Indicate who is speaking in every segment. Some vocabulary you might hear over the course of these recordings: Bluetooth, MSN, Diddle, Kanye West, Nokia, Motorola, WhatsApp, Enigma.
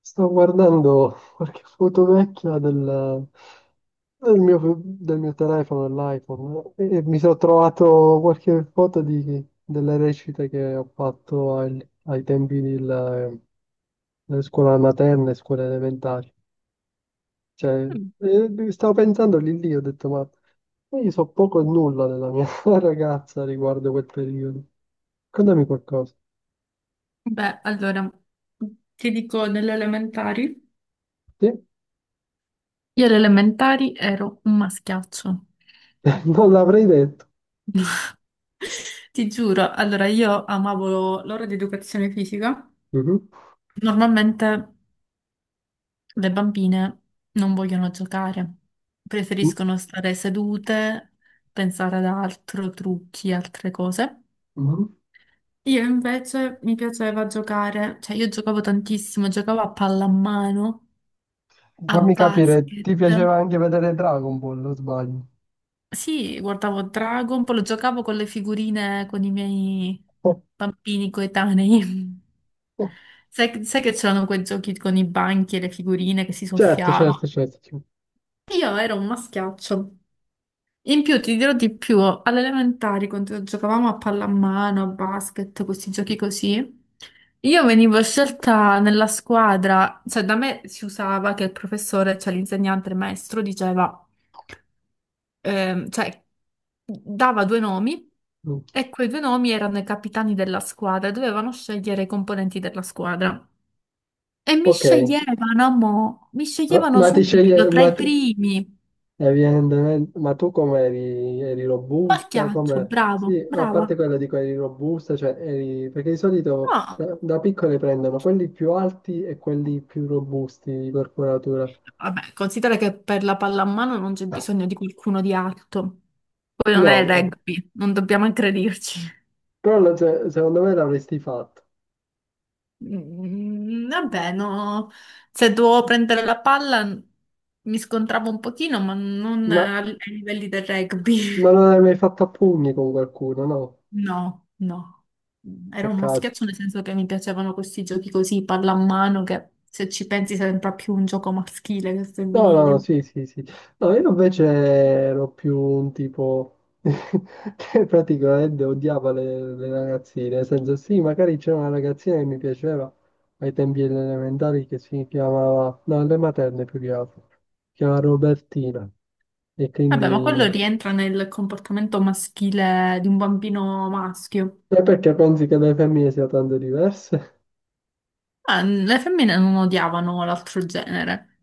Speaker 1: Sto guardando qualche foto vecchia del mio telefono, dell'iPhone, e mi sono trovato qualche foto delle recite che ho fatto ai tempi delle scuole materne, scuole elementari. Cioè, stavo pensando lì lì, ho detto, ma io so poco e nulla della mia ragazza riguardo quel periodo. Contami qualcosa.
Speaker 2: Beh, allora, ti dico delle elementari.
Speaker 1: Sì?
Speaker 2: Io alle elementari ero un maschiaccio.
Speaker 1: Non l'avrei detto.
Speaker 2: Ti giuro, allora io amavo l'ora di educazione fisica.
Speaker 1: Mhm.
Speaker 2: Normalmente le bambine non vogliono giocare, preferiscono stare sedute, pensare ad altro, trucchi, altre cose.
Speaker 1: Mhm.
Speaker 2: Io invece mi piaceva giocare, cioè io giocavo tantissimo, giocavo a pallamano, a
Speaker 1: Fammi capire,
Speaker 2: basket.
Speaker 1: ti piaceva anche vedere Dragon Ball, o sbaglio?
Speaker 2: Sì, guardavo Dragon, poi lo giocavo con le figurine con i miei
Speaker 1: Oh,
Speaker 2: bambini coetanei.
Speaker 1: oh,
Speaker 2: Sai che c'erano quei giochi con i banchi e le figurine che si
Speaker 1: certo, certo,
Speaker 2: soffiavano?
Speaker 1: certo. Sì.
Speaker 2: Io ero un maschiaccio. In più, ti dirò di più, alle elementari, quando giocavamo a pallamano, a basket, questi giochi così, io venivo scelta nella squadra, cioè da me si usava che il professore, cioè l'insegnante, il maestro, diceva. Cioè, dava due nomi
Speaker 1: Mm.
Speaker 2: e quei due nomi erano i capitani della squadra, e dovevano scegliere i componenti della squadra. E mi
Speaker 1: Ok,
Speaker 2: sceglievano, mi
Speaker 1: ma,
Speaker 2: sceglievano
Speaker 1: ma ti
Speaker 2: subito
Speaker 1: sceglie,
Speaker 2: tra
Speaker 1: ma
Speaker 2: i
Speaker 1: tu,
Speaker 2: primi.
Speaker 1: evidentemente, ma tu come eri robusta?
Speaker 2: Marchiaccio,
Speaker 1: Come, sì,
Speaker 2: bravo,
Speaker 1: a
Speaker 2: brava.
Speaker 1: parte quello dico eri robusta, cioè eri, perché di solito
Speaker 2: No,
Speaker 1: da piccole prendono quelli più alti e quelli più robusti di corporatura.
Speaker 2: vabbè, considera che per la pallamano non c'è bisogno di qualcuno di alto. Poi non
Speaker 1: No,
Speaker 2: è
Speaker 1: no,
Speaker 2: rugby, non dobbiamo aggredirci.
Speaker 1: però secondo me l'avresti fatto,
Speaker 2: Mm, vabbè, no, se dovevo prendere la palla, mi scontravo un pochino, ma non
Speaker 1: ma,
Speaker 2: ai livelli del rugby.
Speaker 1: ma non l'hai mai fatto a pugni con qualcuno, no?
Speaker 2: No, no. Era un
Speaker 1: Peccato.
Speaker 2: maschiaccio nel senso che mi piacevano questi giochi così, pallamano, che se ci pensi sembra più un gioco maschile che
Speaker 1: No, no, no,
Speaker 2: femminile.
Speaker 1: sì, sì, sì. No, io invece ero più un tipo che praticamente odiava le ragazzine, nel senso sì, magari c'era una ragazzina che mi piaceva ai tempi delle elementari che si chiamava, no, alle materne più che altro, si chiamava Robertina. E
Speaker 2: Vabbè, ma quello
Speaker 1: quindi.
Speaker 2: rientra nel comportamento maschile di un bambino maschio.
Speaker 1: E perché pensi che le femmine siano tanto diverse?
Speaker 2: Ah, le femmine non odiavano l'altro genere.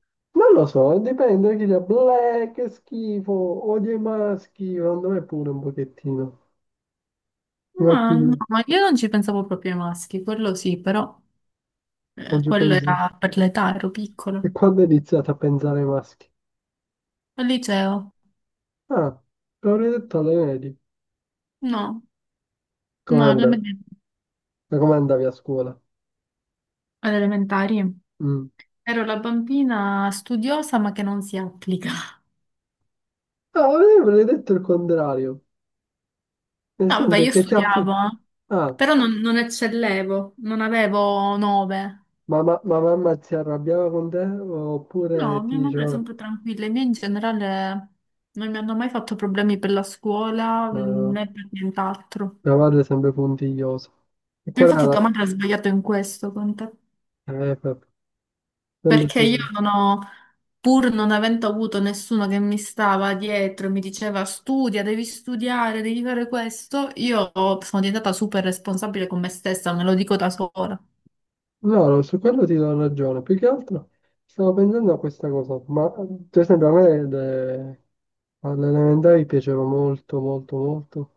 Speaker 1: Non lo so, dipende chi sia. Bleh, che schifo, odio i maschi, secondo me pure un pochettino. Infatti,
Speaker 2: Ma no, ma io non ci pensavo proprio ai maschi, quello sì, però.
Speaker 1: non ci
Speaker 2: Quello
Speaker 1: penso.
Speaker 2: era per l'età, ero
Speaker 1: E
Speaker 2: piccolo.
Speaker 1: quando hai iniziato a pensare ai maschi?
Speaker 2: Al liceo?
Speaker 1: Ah, l'avrei detto alle medie.
Speaker 2: No,
Speaker 1: Come
Speaker 2: no,
Speaker 1: andavi? Ma come andavi a scuola?
Speaker 2: alle elementari.
Speaker 1: Mm.
Speaker 2: Ero la bambina studiosa ma che non si applica.
Speaker 1: Ah, io avrei detto il contrario. Nel
Speaker 2: No, vabbè,
Speaker 1: senso
Speaker 2: io
Speaker 1: che ti appli.
Speaker 2: studiavo, eh.
Speaker 1: Ah,
Speaker 2: Però non eccellevo, non avevo 9.
Speaker 1: ma mamma si arrabbiava con te
Speaker 2: No,
Speaker 1: oppure ti
Speaker 2: mia madre è
Speaker 1: diceva.
Speaker 2: sempre tranquilla, i miei in generale non mi hanno mai fatto problemi per la scuola,
Speaker 1: No, no, no,
Speaker 2: né per nient'altro.
Speaker 1: mia madre è sempre puntigliosa. E quella era
Speaker 2: Infatti tua
Speaker 1: la.
Speaker 2: madre ha sbagliato in questo con te.
Speaker 1: Vabbè, sempre
Speaker 2: Perché io
Speaker 1: stato.
Speaker 2: non ho, pur non avendo avuto nessuno che mi stava dietro e mi diceva studia, devi studiare, devi fare questo, io sono diventata super responsabile con me stessa, me lo dico da sola.
Speaker 1: No, no, su quello ti do ragione. Più che altro stavo pensando a questa cosa, ma per esempio a me alle elementari piaceva molto, molto, molto,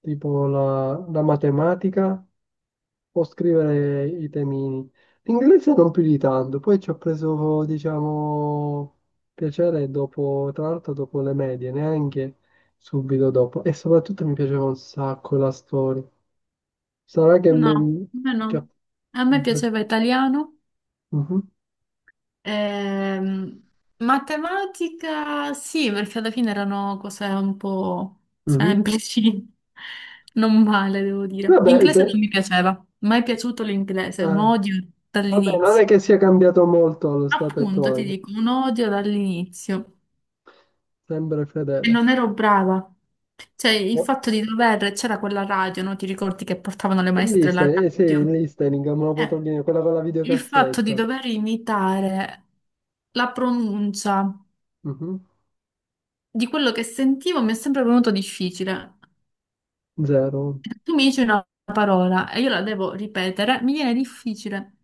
Speaker 1: tipo la matematica o scrivere i temini. L'inglese non più di tanto, poi ci ho preso, diciamo, piacere dopo, tra l'altro dopo le medie, neanche subito dopo. E soprattutto mi piaceva un sacco la storia. Sarà che...
Speaker 2: No, a
Speaker 1: mi-
Speaker 2: me no.
Speaker 1: che...
Speaker 2: A me piaceva italiano,
Speaker 1: Mhm.
Speaker 2: ehm, matematica sì, perché alla fine erano cose un po'
Speaker 1: Mhm.
Speaker 2: semplici, non male devo dire.
Speaker 1: Vabbè,
Speaker 2: Inglese non
Speaker 1: se-
Speaker 2: mi piaceva, mai piaciuto l'inglese, un
Speaker 1: eh,
Speaker 2: odio
Speaker 1: vabbè, non è
Speaker 2: dall'inizio.
Speaker 1: che sia cambiato molto lo stato
Speaker 2: Appunto, ti
Speaker 1: attuale,
Speaker 2: dico, un odio dall'inizio
Speaker 1: sempre
Speaker 2: e
Speaker 1: fedele.
Speaker 2: non ero brava. Cioè, il
Speaker 1: Oh,
Speaker 2: fatto di dover, c'era quella radio, no? Ti ricordi che portavano le
Speaker 1: il
Speaker 2: maestre la
Speaker 1: listening, eh sì, il
Speaker 2: radio?
Speaker 1: listening, me lo potrò
Speaker 2: Eh,
Speaker 1: dire, quella con la
Speaker 2: il fatto di
Speaker 1: videocassetta.
Speaker 2: dover imitare la pronuncia
Speaker 1: Mhm.
Speaker 2: di quello che sentivo mi è sempre venuto difficile.
Speaker 1: Zero.
Speaker 2: Tu mi dici una parola e io la devo ripetere, mi viene difficile.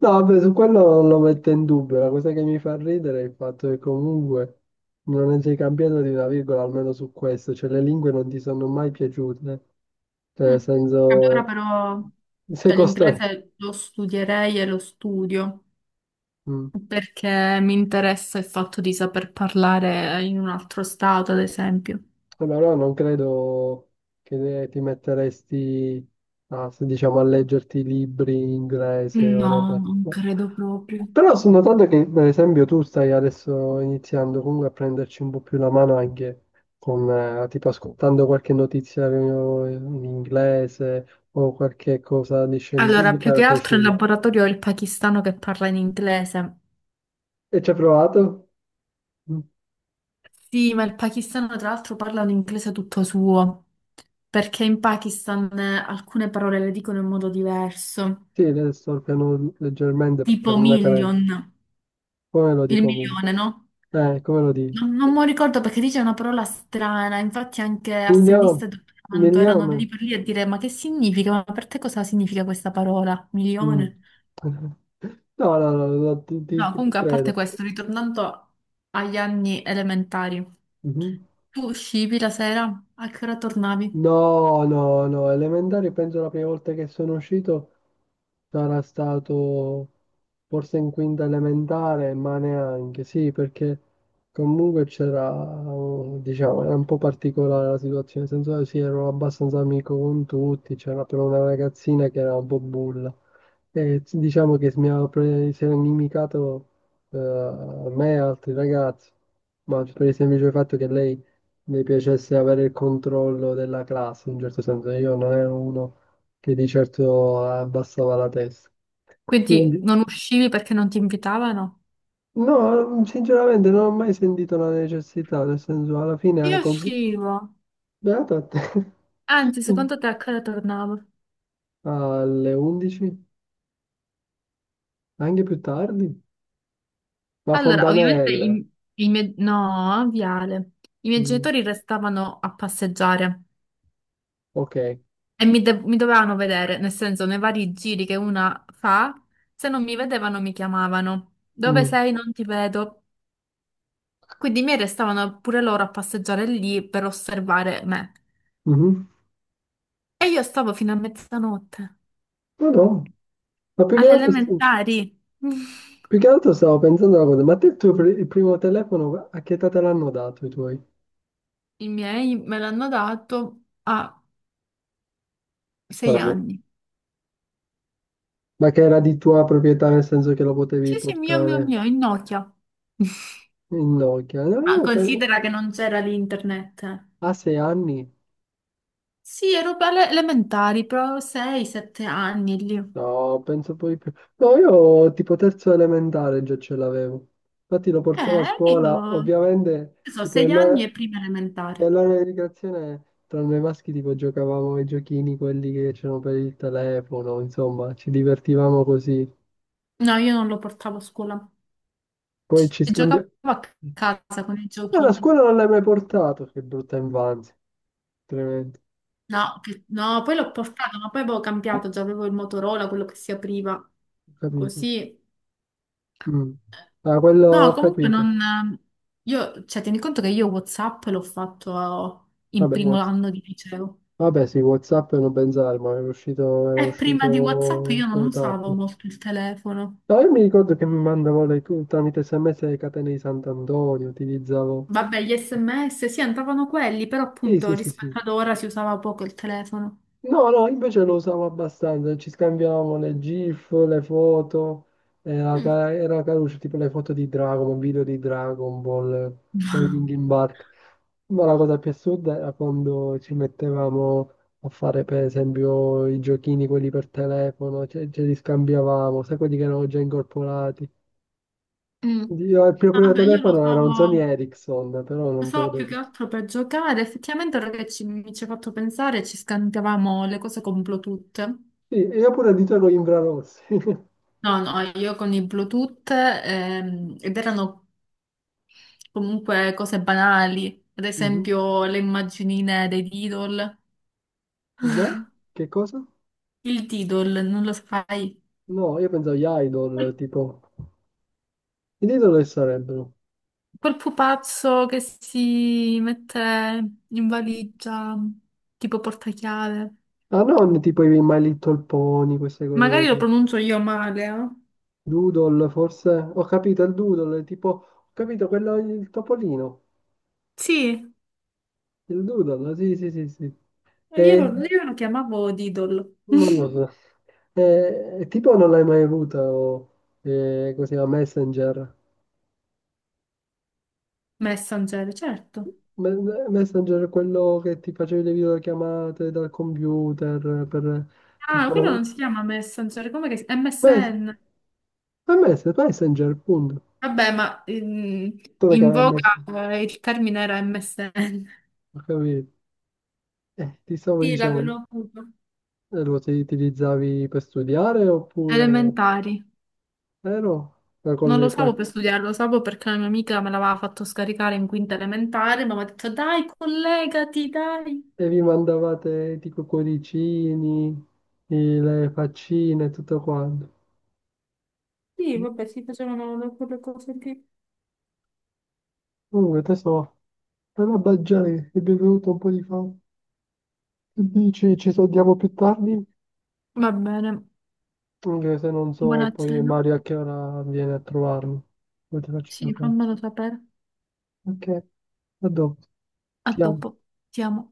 Speaker 1: No, vabbè, su quello non lo metto in dubbio, la cosa che mi fa ridere è il fatto che comunque non ne sei cambiato di una virgola, almeno su questo, cioè le lingue non ti sono mai piaciute, cioè
Speaker 2: Mm.
Speaker 1: nel
Speaker 2: Allora
Speaker 1: senso
Speaker 2: però,
Speaker 1: sei
Speaker 2: cioè
Speaker 1: costretto.
Speaker 2: l'inglese lo studierei e lo studio.
Speaker 1: Mm.
Speaker 2: Perché mi interessa il fatto di saper parlare in un altro stato, ad esempio.
Speaker 1: Ma no, non credo che ti metteresti a, se diciamo, a leggerti libri in inglese
Speaker 2: Mm.
Speaker 1: o
Speaker 2: No,
Speaker 1: robe.
Speaker 2: non credo proprio.
Speaker 1: Però sto notando che, per esempio, tu stai adesso iniziando comunque a prenderci un po' più la mano anche con, tipo, ascoltando qualche notizia in inglese o qualche cosa di, scendi-
Speaker 2: Allora,
Speaker 1: di
Speaker 2: più che
Speaker 1: carattere
Speaker 2: altro in
Speaker 1: scientifico.
Speaker 2: laboratorio ho il pakistano che parla in inglese.
Speaker 1: E ci hai provato? Mm.
Speaker 2: Sì, ma il pakistano tra l'altro parla un inglese tutto suo, perché in Pakistan alcune parole le dicono in modo diverso,
Speaker 1: Sì, adesso sto piano leggermente
Speaker 2: tipo
Speaker 1: perché non è canale.
Speaker 2: million,
Speaker 1: Come lo
Speaker 2: il
Speaker 1: dico meglio?
Speaker 2: milione, no?
Speaker 1: Come lo dico?
Speaker 2: Non mi ricordo perché dice una parola strana, infatti anche
Speaker 1: Milione,
Speaker 2: assennista e dottorando erano lì
Speaker 1: milione.
Speaker 2: per lì a dire ma che significa? Ma per te cosa significa questa parola?
Speaker 1: Mm.
Speaker 2: Milione?
Speaker 1: No, no, no, no, ti, ti-
Speaker 2: No,
Speaker 1: ti
Speaker 2: comunque a parte
Speaker 1: credo.
Speaker 2: questo, ritornando agli anni elementari,
Speaker 1: Mhm.
Speaker 2: tu uscivi la sera? A che ora tornavi?
Speaker 1: No, no, no, elementari penso la prima volta che sono uscito. Sarà stato forse in quinta elementare, ma neanche, sì, perché comunque c'era, diciamo, era un po' particolare la situazione, nel senso che sì, ero abbastanza amico con tutti, c'era però una ragazzina che era un po' bulla. E diciamo che si era inimicato a me e altri ragazzi, ma per il semplice fatto che lei mi piacesse avere il controllo della classe, in un certo senso. Io non ero uno che di certo abbassava la testa.
Speaker 2: Quindi
Speaker 1: Quindi,
Speaker 2: non uscivi perché non ti invitavano?
Speaker 1: no, sinceramente non ho mai sentito la necessità, nel senso, alla fine,
Speaker 2: Io uscivo.
Speaker 1: beato a te.
Speaker 2: Anzi, secondo te a che ora tornavo?
Speaker 1: Alle 11, anche più tardi. La
Speaker 2: Allora, ovviamente
Speaker 1: Fontanelle.
Speaker 2: i miei... No, Viale. I miei
Speaker 1: Mm,
Speaker 2: genitori restavano a passeggiare.
Speaker 1: ok.
Speaker 2: E mi dovevano vedere, nel senso, nei vari giri che una fa, se non mi vedevano mi chiamavano. Dove
Speaker 1: Mm,
Speaker 2: sei? Non ti vedo. Quindi mi restavano pure loro a passeggiare lì per osservare me.
Speaker 1: mhm.
Speaker 2: E io stavo fino a mezzanotte,
Speaker 1: No, no, ma
Speaker 2: alle elementari.
Speaker 1: più che altro stavo pensando una cosa, ma te il primo telefono, a che età te l'hanno dato i tuoi?
Speaker 2: I miei me l'hanno dato a
Speaker 1: Ora
Speaker 2: sei
Speaker 1: no.
Speaker 2: anni.
Speaker 1: Ma che era di tua proprietà, nel senso che lo
Speaker 2: Sì,
Speaker 1: potevi
Speaker 2: sì, mio, mio,
Speaker 1: portare?
Speaker 2: mio, in Nokia.
Speaker 1: Nokia, no,
Speaker 2: Ma
Speaker 1: io penso,
Speaker 2: considera che non c'era l'internet.
Speaker 1: a 6 anni?
Speaker 2: Sì, ero alle elementari, però 6, 7 anni lì.
Speaker 1: No, penso poi più. No, io tipo terzo elementare già ce l'avevo. Infatti lo portavo a scuola,
Speaker 2: Io,
Speaker 1: ovviamente
Speaker 2: che so,
Speaker 1: tipo
Speaker 2: 6 anni
Speaker 1: nell'ora
Speaker 2: e prima elementare.
Speaker 1: nell'ora di ricreazione tra noi maschi tipo giocavamo ai giochini, quelli che c'erano per il telefono, insomma, ci divertivamo così.
Speaker 2: No, io non lo portavo a scuola. Ci
Speaker 1: Poi ci
Speaker 2: ci giocavo
Speaker 1: scambiavamo.
Speaker 2: a casa con i
Speaker 1: No, la
Speaker 2: giochini.
Speaker 1: scuola non l'hai mai portato, che brutta infanzia, tremendo.
Speaker 2: No, che- no, poi l'ho portato, ma poi avevo
Speaker 1: Ho
Speaker 2: cambiato, già avevo il Motorola, quello che si apriva.
Speaker 1: capito.
Speaker 2: Così.
Speaker 1: Mm. Ah, quello
Speaker 2: No,
Speaker 1: ho
Speaker 2: comunque
Speaker 1: capito.
Speaker 2: non... Io, cioè, tieni conto che io WhatsApp l'ho fatto in
Speaker 1: Vabbè,
Speaker 2: primo
Speaker 1: buono.
Speaker 2: anno di liceo.
Speaker 1: Vabbè, sì, WhatsApp non pensare, ma era
Speaker 2: E prima di WhatsApp io
Speaker 1: uscito
Speaker 2: non
Speaker 1: per tardi.
Speaker 2: usavo molto il telefono.
Speaker 1: No, io mi ricordo che mi mandavo le, tramite SMS le catene di Sant'Antonio, utilizzavo.
Speaker 2: Vabbè, gli SMS sì, entravano quelli, però
Speaker 1: Sì,
Speaker 2: appunto
Speaker 1: sì, sì,
Speaker 2: rispetto
Speaker 1: sì.
Speaker 2: ad ora si usava poco il telefono.
Speaker 1: No, no, invece lo usavo abbastanza, ci scambiavamo le GIF, le foto, era,
Speaker 2: Mm,
Speaker 1: ca- era caruccio, tipo le foto di Dragon, video di Dragon Ball, con i
Speaker 2: wow.
Speaker 1: Linkin Park. Ma la cosa più assurda era quando ci mettevamo a fare per esempio i giochini, quelli per telefono, ce li scambiavamo, sai quelli che erano già incorporati.
Speaker 2: Mm.
Speaker 1: Io, il mio primo
Speaker 2: Vabbè, io lo
Speaker 1: telefono era
Speaker 2: usavo,
Speaker 1: un Sony
Speaker 2: lo
Speaker 1: Ericsson, però non
Speaker 2: usavo
Speaker 1: credo.
Speaker 2: più che altro per giocare. Effettivamente, ora che mi ci ha fatto pensare, ci scambiavamo le cose con Bluetooth.
Speaker 1: Sì, e io pure dicevo infrarossi.
Speaker 2: No, no, io con i Bluetooth, ed erano comunque cose banali, ad
Speaker 1: Mhm.
Speaker 2: esempio le immaginine dei Diddle.
Speaker 1: Beh, che cosa?
Speaker 2: Il Diddle, non lo sai?
Speaker 1: No, io pensavo agli idol, tipo. Gli idol che sarebbero?
Speaker 2: Quel pupazzo che si mette in valigia, tipo portachiave.
Speaker 1: Ah, non tipo i My Little Pony, queste cose
Speaker 2: Magari lo
Speaker 1: così.
Speaker 2: pronuncio io male, eh?
Speaker 1: Doodle, forse. Ho capito il doodle, è tipo, ho capito quello, il topolino.
Speaker 2: Sì,
Speaker 1: Il doodle, sì, sì, sì, sì.
Speaker 2: io
Speaker 1: E,
Speaker 2: lo,
Speaker 1: ma
Speaker 2: io lo chiamavo Didol.
Speaker 1: no, no. E tipo non l'hai mai avuto, o, così, a Messenger.
Speaker 2: Messenger, certo.
Speaker 1: Messenger è quello che ti facevi le videochiamate dal computer per,
Speaker 2: Ah, quello
Speaker 1: tipo,
Speaker 2: non si chiama Messenger, come che si...
Speaker 1: mes-
Speaker 2: MSN.
Speaker 1: Messenger, punto.
Speaker 2: Vabbè, ma
Speaker 1: Tu che
Speaker 2: in
Speaker 1: avevi
Speaker 2: voga
Speaker 1: Messenger,
Speaker 2: il termine era MSN.
Speaker 1: ho capito. Ti stavo
Speaker 2: Sì,
Speaker 1: dicendo,
Speaker 2: l'avevo avuto.
Speaker 1: Utilizzavi per studiare oppure.
Speaker 2: Elementari.
Speaker 1: Vero? Ma
Speaker 2: Non lo usavo per studiare, lo usavo perché la mia amica me l'aveva fatto scaricare in quinta elementare, ma mi ha detto dai, collegati, dai.
Speaker 1: E vi mandavate tipo cuoricini, le faccine e tutto quanto.
Speaker 2: Sì, vabbè, si facevano quelle cose lì.
Speaker 1: Comunque, tesoro, per la baggiare è bevuto un po' di fame. Che dici, ci sentiamo più tardi?
Speaker 2: Va bene,
Speaker 1: Anche se non so
Speaker 2: buona
Speaker 1: poi
Speaker 2: cena.
Speaker 1: Mario a che ora viene a trovarmi. Poi ti faccio
Speaker 2: Sì,
Speaker 1: sapere.
Speaker 2: fammelo sapere.
Speaker 1: Ok, a dopo.
Speaker 2: A
Speaker 1: Ti amo.
Speaker 2: dopo, ti amo.